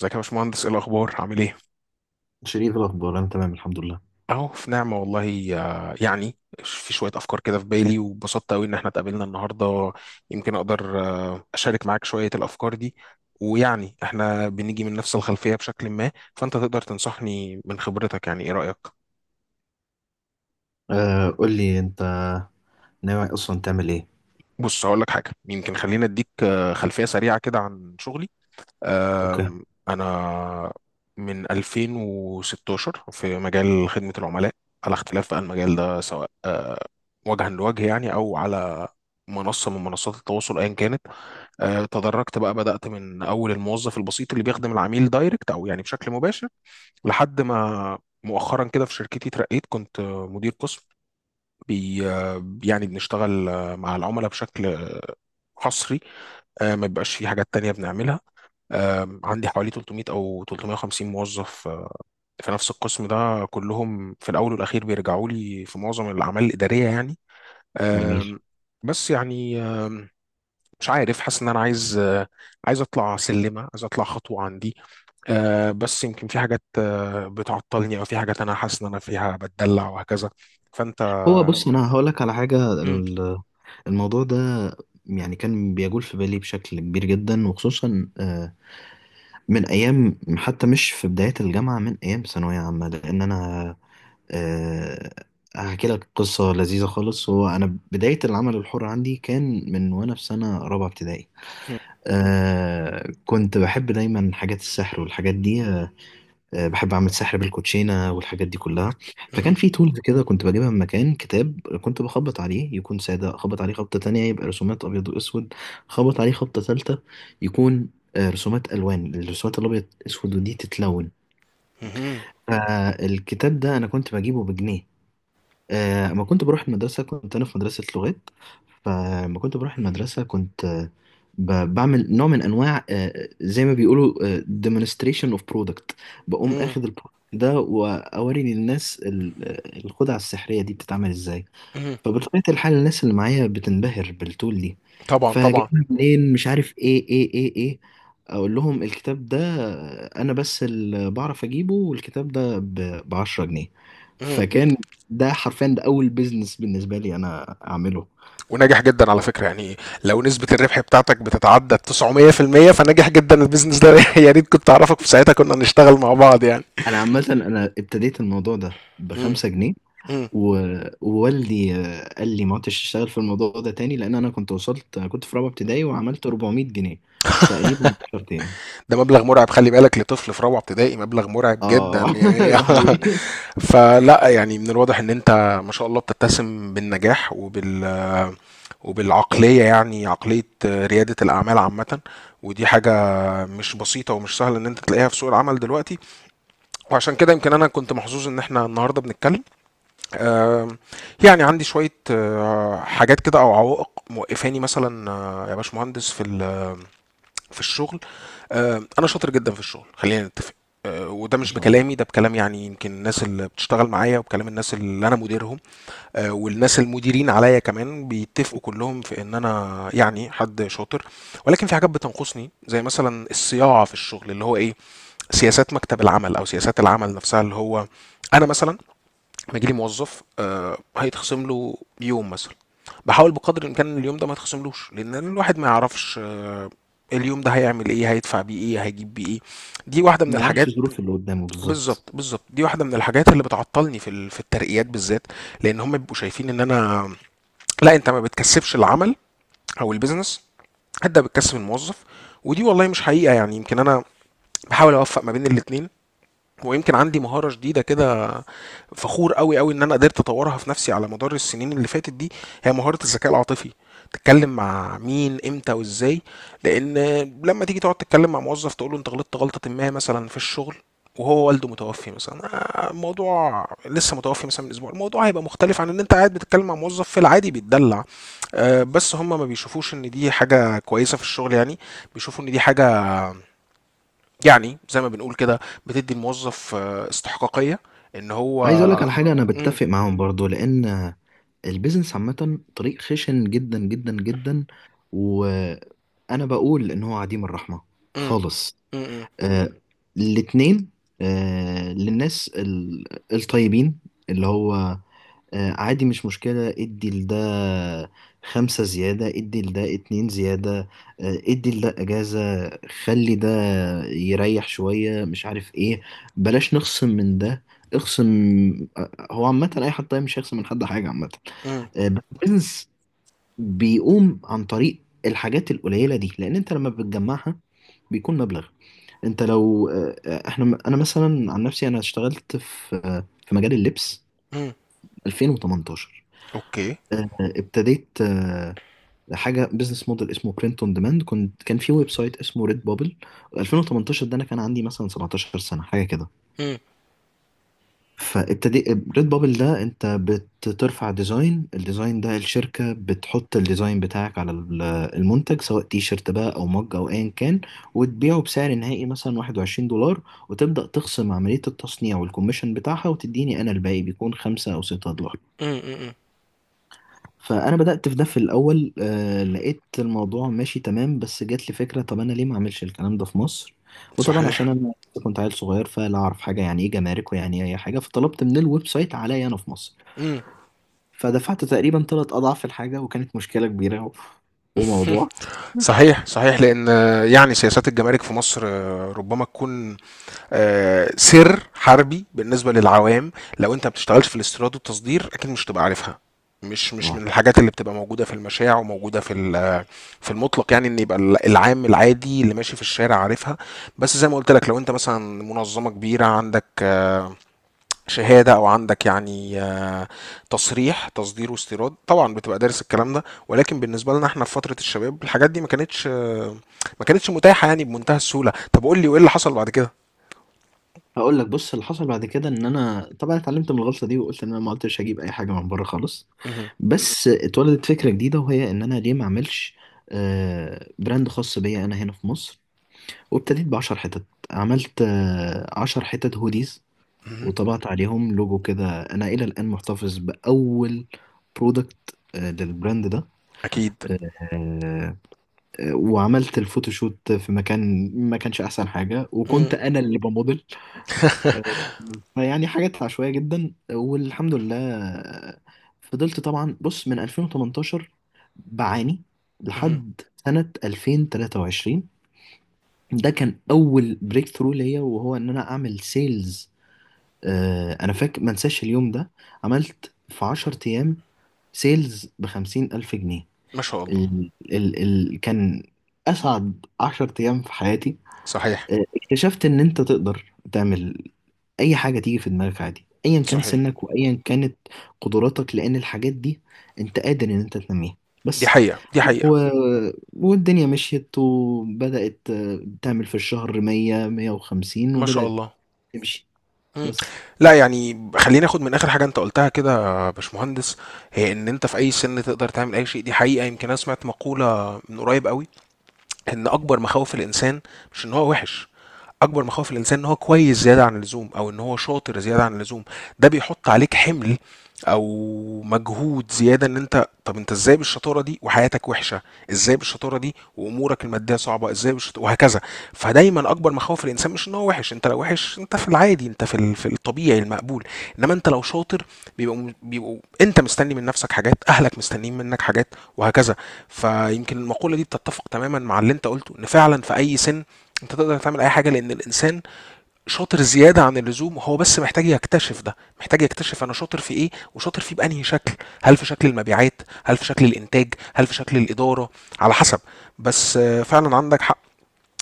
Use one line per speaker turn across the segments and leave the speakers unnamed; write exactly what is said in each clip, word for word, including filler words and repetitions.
ازيك يا باشمهندس؟ ايه الاخبار؟ عامل ايه؟
شريف، الأخبار أنا تمام الحمد لله.
اهو في نعمه والله. آه، يعني في شويه افكار كده في بالي، وبسطت قوي ان احنا اتقابلنا النهارده. يمكن اقدر آه، اشارك معاك شويه الافكار دي، ويعني احنا بنيجي من نفس الخلفيه بشكل ما، فانت تقدر تنصحني من خبرتك. يعني ايه رايك؟
آه، قول لي أنت ناوي أصلا تعمل إيه؟
بص، هقول لك حاجه. يمكن خلينا اديك آه، خلفيه سريعه كده عن شغلي.
أوكي.
آم، انا من ألفين وستة عشر في مجال خدمه العملاء، على اختلاف بقى المجال ده، سواء وجها لوجه يعني او على منصه من منصات التواصل ايا كانت. آه، تدرجت بقى، بدات من اول الموظف البسيط اللي بيخدم العميل دايركت او يعني بشكل مباشر، لحد ما مؤخرا كده في شركتي اترقيت. كنت آه، مدير قسم، بي آه، يعني بنشتغل آه، مع العملاء بشكل آه، حصري. آه، ما بيبقاش في حاجات تانية بنعملها. آه، عندي حوالي تلتمية أو ثلاثمائة وخمسين موظف آه، في نفس القسم ده، كلهم في الأول والأخير بيرجعوا لي في معظم الأعمال الإدارية يعني.
جميل.
آم، بس يعني، آم، مش عارف، حاسس ان انا عايز آه، عايز اطلع سلمه، عايز اطلع خطوه عندي. آه، بس يمكن في حاجات آه، بتعطلني، او في حاجات انا حاسس ان انا فيها بتدلع وهكذا. فانت
هو بص، أنا هقول لك على حاجة.
مم،
ال- الموضوع ده يعني كان بيجول في بالي بشكل كبير جدا، وخصوصا آه من أيام، حتى مش في بداية الجامعة، من أيام ثانوية عامة، لأن أنا آه هحكي لك قصة لذيذة خالص. هو أنا بداية العمل الحر عندي كان من وأنا في سنة رابعة ابتدائي.
مم،
آه كنت بحب دايما حاجات السحر والحاجات دي. آه، بحب اعمل سحر بالكوتشينه والحاجات دي كلها. فكان
مم،
في تولز كده كنت بجيبها من مكان. كتاب كنت بخبط عليه يكون ساده، اخبط عليه خبطه تانية يبقى رسومات ابيض واسود، اخبط عليه خبطه ثالثه يكون آه، رسومات الوان، الرسومات الابيض اسود ودي تتلون.
مم،
فالكتاب ده انا كنت بجيبه بجنيه. آه، اما كنت بروح المدرسة، كنت أنا في مدرسة لغات. فلما كنت بروح المدرسة كنت آه، ب- بعمل نوع من أنواع آه، زي ما بيقولوا آه، demonstration of product. بقوم
مم،
أخد البرودكت ده وأوري للناس ال- آه، الخدعة السحرية دي بتتعمل إزاي.
مم.
فبطبيعة الحال الناس اللي معايا بتنبهر بالتول دي.
طبعا طبعا.
فجايبها منين، مش عارف، إيه إيه إيه إيه. أقول لهم الكتاب ده، آه، أنا بس اللي بعرف أجيبه، والكتاب ده ب عشرة جنيه.
مم.
فكان ده حرفيا ده اول بيزنس بالنسبه لي انا اعمله.
وناجح جدا على فكره يعني. لو نسبه الربح بتاعتك بتتعدى تسعمائة في المية فناجح جدا البيزنس ده. يا ريت كنت اعرفك في ساعتها، كنا نشتغل مع بعض يعني.
انا عامه انا ابتديت الموضوع ده
مم،
بخمسة جنيه.
مم.
و- ووالدي آه، قال لي ما عدتش اشتغل في الموضوع ده تاني، لان انا كنت وصلت، كنت في رابعه ابتدائي وعملت أربعمية جنيه في تقريبا عشرة تاني.
ده مبلغ مرعب، خلي بالك، لطفل في رابعة ابتدائي مبلغ مرعب جدا
اه
يعني.
ده حقيقي.
فلا، يعني من الواضح ان انت ما شاء الله بتتسم بالنجاح وبال وبالعقلية، يعني عقلية ريادة الأعمال عامة. ودي حاجة مش بسيطة ومش سهلة إن أنت تلاقيها في سوق العمل دلوقتي، وعشان كده يمكن أنا كنت محظوظ إن إحنا النهاردة بنتكلم. آم، يعني عندي شوية آه، حاجات كده أو عوائق موقفاني مثلا، آه، يا باشمهندس، في ال في الشغل. آه، انا شاطر جدا في الشغل، خلينا نتفق. آه، وده
ما
مش
شاء الله.
بكلامي، ده بكلام يعني يمكن الناس اللي بتشتغل معايا، وبكلام الناس اللي انا مديرهم، آه، والناس المديرين عليا كمان، بيتفقوا كلهم في ان انا يعني حد شاطر. ولكن في حاجات بتنقصني، زي مثلا الصياعه في الشغل، اللي هو ايه، سياسات مكتب العمل او سياسات العمل نفسها، اللي هو انا مثلا لما يجيلي موظف آه، هيتخصم له يوم مثلا، باحاول بقدر الامكان اليوم ده ما يتخصملوش، لان الواحد ما يعرفش آه، اليوم ده هيعمل ايه، هيدفع بيه ايه، هيجيب بيه ايه. دي واحده من
ما يعرفش
الحاجات.
الظروف اللي قدامه بالظبط.
بالظبط بالظبط. دي واحده من الحاجات اللي بتعطلني في ال- في الترقيات بالذات، لان هم بيبقوا شايفين ان انا، لا انت ما بتكسبش العمل او البيزنس، انت بتكسب الموظف. ودي والله مش حقيقه، يعني يمكن انا بحاول اوفق ما بين الاتنين. ويمكن عندي مهارة جديدة كده فخور قوي قوي ان انا قدرت اطورها في نفسي على مدار السنين اللي فاتت دي، هي مهارة الذكاء العاطفي: تتكلم مع مين، امتى وازاي. لان لما تيجي تقعد تتكلم مع موظف تقول له انت غلطت غلطة ما مثلا في الشغل، وهو والده متوفي مثلا، آه، الموضوع لسه، متوفي مثلا من اسبوع، الموضوع هيبقى مختلف عن ان انت قاعد بتتكلم مع موظف في العادي بيتدلع. آه، بس هم ما بيشوفوش ان دي حاجة كويسة في الشغل يعني، بيشوفوا ان دي حاجة، يعني زي ما بنقول كده، بتدي الموظف آه، استحقاقية ان هو
عايز اقول لك على حاجه، انا
مم،
بتفق معاهم برضو، لان البيزنس عامه طريق خشن جدا جدا جدا، وانا بقول ان هو عديم الرحمه
مم،
خالص.
مم،
آه الاتنين، آه للناس ال- الطيبين، اللي هو آه عادي، مش مشكلة، ادي لده خمسة زيادة، ادي لده اتنين زيادة، آه ادي لده اجازة، خلي ده يريح شوية، مش عارف ايه، بلاش نخصم من ده، اخصم. آه، هو عامة أي حد طيب مش هيخصم من حد حاجة عامة.
مم،
آه، بس البيزنس بيقوم عن طريق الحاجات القليلة دي، لأن أنت لما بتجمعها بيكون مبلغ. انت لو آه، آه، احنا انا مثلا عن نفسي، انا اشتغلت في آه، في مجال اللبس
مم،
ألفين وتمنتاشر.
اوكي.
آه، آه، ابتديت آه، حاجه بزنس موديل اسمه برنت اون ديماند. كنت كان في ويب سايت اسمه ريد بابل. ألفين وتمنتاشر ده انا كان عندي مثلا سبعتاشر سنة سنه حاجه كده.
مم،
فابتدي. ريد بابل ده انت بترفع ديزاين، الديزاين ده الشركة بتحط الديزاين بتاعك على ال- المنتج، سواء تي شيرت بقى او مج او ايا كان، وتبيعه بسعر نهائي مثلا واحد وعشرين دولار. وتبدأ تخصم عملية التصنيع والكوميشن بتاعها، وتديني انا الباقي، بيكون خمسة او ستة دولار.
مم، مم،
فانا بدات في ده في الاول، آه لقيت الموضوع ماشي تمام، بس جات لي فكره، طب انا ليه ما اعملش الكلام ده في مصر؟ وطبعا عشان
صحيح.
انا كنت عيل صغير، فلا اعرف حاجه، يعني ايه جمارك، ويعني ايه اي حاجه، فطلبت من الويب سايت عليا انا في مصر.
مم.
فدفعت تقريبا ثلاث اضعاف الحاجه، وكانت مشكله كبيره و- وموضوع.
صحيح صحيح. لان آه، يعني سياسات الجمارك في مصر آه، ربما تكون آه، سر حربي بالنسبه للعوام. لو انت ما بتشتغلش في الاستيراد والتصدير، اكيد مش تبقى عارفها. مش، مش
اه
من الحاجات اللي بتبقى موجوده في المشاع، وموجوده في ال- في المطلق، يعني ان يبقى ال- العام العادي اللي ماشي في الشارع عارفها. بس زي ما قلت لك، لو انت مثلا منظمه كبيره عندك آه، شهاده او عندك يعني آه، تصريح تصدير واستيراد، طبعا بتبقى دارس الكلام ده. ولكن بالنسبه لنا احنا في فتره الشباب، الحاجات دي ما كانتش، آه، ما كانتش متاحه يعني بمنتهى السهوله. طب قول لي، وايه اللي حصل بعد كده؟
هقول لك. بص، اللي حصل بعد كده ان انا طبعا اتعلمت من الغلطه دي، وقلت ان انا ما قلتش هجيب اي حاجه من بره خالص.
مهم.
بس اتولدت فكره جديده، وهي ان انا ليه ما اعملش آه براند خاص بيا انا هنا في مصر. وابتديت بعشر حتت، عملت آه، عشر حتت هوديز،
اهم،
وطبعت عليهم لوجو كده. أنا إلى الآن محتفظ بأول برودكت آه، للبراند ده.
أكيد.
آه، آه، وعملت الفوتوشوت في مكان ما كانش أحسن حاجة، وكنت
إمم،
أنا اللي بموديل. آه، فيعني حاجات عشوائية جدا والحمد لله. آه، فضلت طبعا، بص، من ألفين وتمنتاشر بعاني
اهم،
لحد سنة ألفين وتلاتة وعشرين. ده كان اول بريك ثرو ليا، وهو ان انا اعمل سيلز. آه انا فاكر، ما انساش اليوم ده، عملت في عشر أيام ايام سيلز بخمسين الف جنيه.
ما شاء الله،
ال ال ال كان اسعد عشر أيام ايام في حياتي.
صحيح،
آه، اكتشفت ان انت تقدر تعمل اي حاجة تيجي في دماغك، عادي، ايا كان
صحيح.
سنك وايا كانت قدراتك، لان الحاجات دي انت قادر ان انت تنميها.
دي
بس
حقيقة، دي حقيقة.
و... والدنيا مشيت وبدأت آه، تعمل في الشهر مية مية وخمسين،
ما شاء
وبدأت
الله.
تمشي.
إمم.
بس
لأ، يعني خلّيني آخد من آخر حاجة أنت قُلتها كده يا باشمهندس، هي إن أنت في أي سِن تقدر تعمل أي شيء. دي حقيقة. يمكن أنا سمعت مقولة من قريب أوي، إن أكبر مخاوف الإنسان مش إن هو وِحِش. اكبر مخاوف الانسان ان هو كويس زياده عن اللزوم، او ان هو شاطر زياده عن اللزوم. ده بيحط عليك حمل او مجهود زياده، ان انت، طب انت ازاي بالشطاره دي وحياتك وحشه؟ ازاي بالشطاره دي وامورك الماديه صعبه؟ ازاي بالشطاره، وهكذا. فدايما اكبر مخاوف الانسان مش ان هو وحش. انت لو وحش انت في العادي، انت في ال- في الطبيعي المقبول. انما انت لو شاطر بيبقوا بيبقوا انت مستني من نفسك حاجات، اهلك مستنيين منك حاجات، وهكذا. فيمكن المقوله دي بتتفق تماما مع اللي انت قلته، ان فعلا في اي سن انت تقدر تعمل اي حاجه، لان الانسان شاطر زياده عن اللزوم، وهو بس محتاج يكتشف ده، محتاج يكتشف انا شاطر في ايه، وشاطر فيه بانهي شكل. هل في شكل المبيعات؟ هل في شكل الانتاج؟ هل في شكل الاداره؟ على حسب. بس آه، فعلا عندك حق.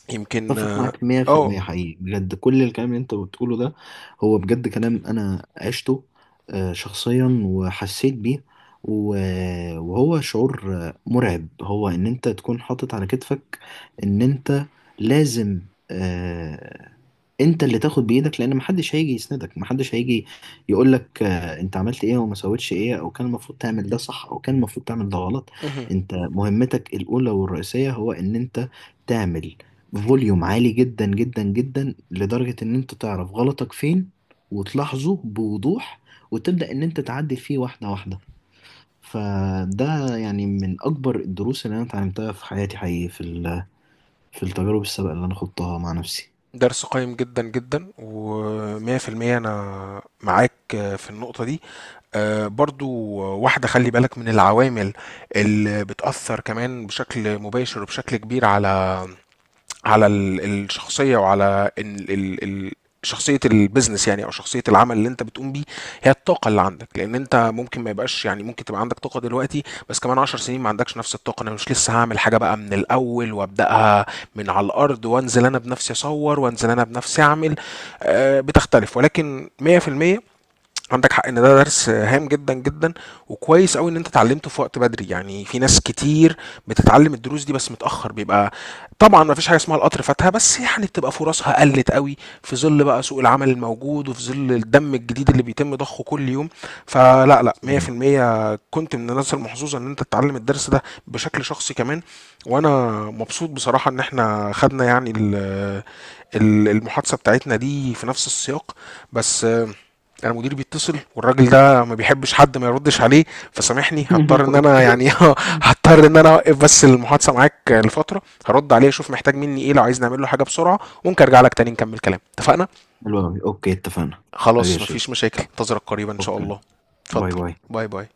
يمكن
اتفق
اه
معاك
آه،
مية في المية حقيقي بجد. كل الكلام اللي انت بتقوله ده هو بجد كلام انا عشته آه، شخصيا وحسيت بيه. و- وهو شعور آه، مرعب، هو ان انت تكون حاطط على كتفك ان انت لازم، آه، انت اللي تاخد بايدك، لان محدش هيجي يسندك، محدش هيجي يقولك آه، انت عملت ايه وما سويتش ايه، او كان المفروض تعمل ده صح، او كان المفروض تعمل ده غلط.
مهم.
انت مهمتك الاولى والرئيسية هو ان انت تعمل فوليوم عالي جدا جدا جدا، لدرجة ان انت تعرف غلطك فين وتلاحظه بوضوح، وتبدأ ان انت تعدل فيه واحدة واحدة. فده يعني من اكبر الدروس اللي انا اتعلمتها في حياتي حقيقي، في ال- في التجارب السابقة اللي انا خضتها مع نفسي.
درس قيم جدا جدا، و100% انا معاك آه، في النقطه دي. آه، برضو واحده، خلي بالك من العوامل اللي بتاثر كمان بشكل مباشر وبشكل كبير على، على ال- الشخصيه، وعلى ال- ال- ال- شخصيه البيزنس، يعني او شخصيه العمل اللي انت بتقوم بيه، هي الطاقه اللي عندك. لان انت ممكن ما يبقاش، يعني ممكن تبقى عندك طاقه دلوقتي بس كمان عشر سنين ما عندكش نفس الطاقه. انا مش لسه هعمل حاجه بقى من الاول، وابداها من على الارض، وانزل انا بنفسي اصور، وانزل انا بنفسي اعمل. آه، بتختلف. ولكن مية في المية عندك حق ان ده درس هام جدا جدا، وكويس قوي ان انت اتعلمته في وقت بدري. يعني في ناس كتير بتتعلم الدروس دي بس متاخر، بيبقى طبعا ما فيش حاجه اسمها القطر فاتها، بس يعني بتبقى فرصها قلت قوي في ظل بقى سوق العمل الموجود، وفي ظل الدم الجديد اللي بيتم ضخه كل يوم. فلا لا،
تمام.
مية في المية كنت من الناس المحظوظه ان انت تتعلم الدرس ده بشكل شخصي كمان. وانا مبسوط بصراحه ان احنا خدنا يعني ال- ال- المحادثه بتاعتنا دي في نفس السياق. بس انا مديري بيتصل، والراجل ده ما بيحبش حد ما يردش عليه، فسامحني، هضطر ان انا
اوكي.
يعني، هضطر ان انا اوقف بس المحادثه معاك لفتره، هرد عليه اشوف محتاج مني ايه، لو عايز نعمل له حاجه بسرعه، وممكن ارجع لك تاني نكمل كلام. اتفقنا؟
حلو أوي. اوكي اتفقنا.
خلاص،
ماشي.
مفيش مشاكل، انتظرك قريبا ان شاء
اوكي.
الله.
باي
اتفضل.
باي.
باي باي.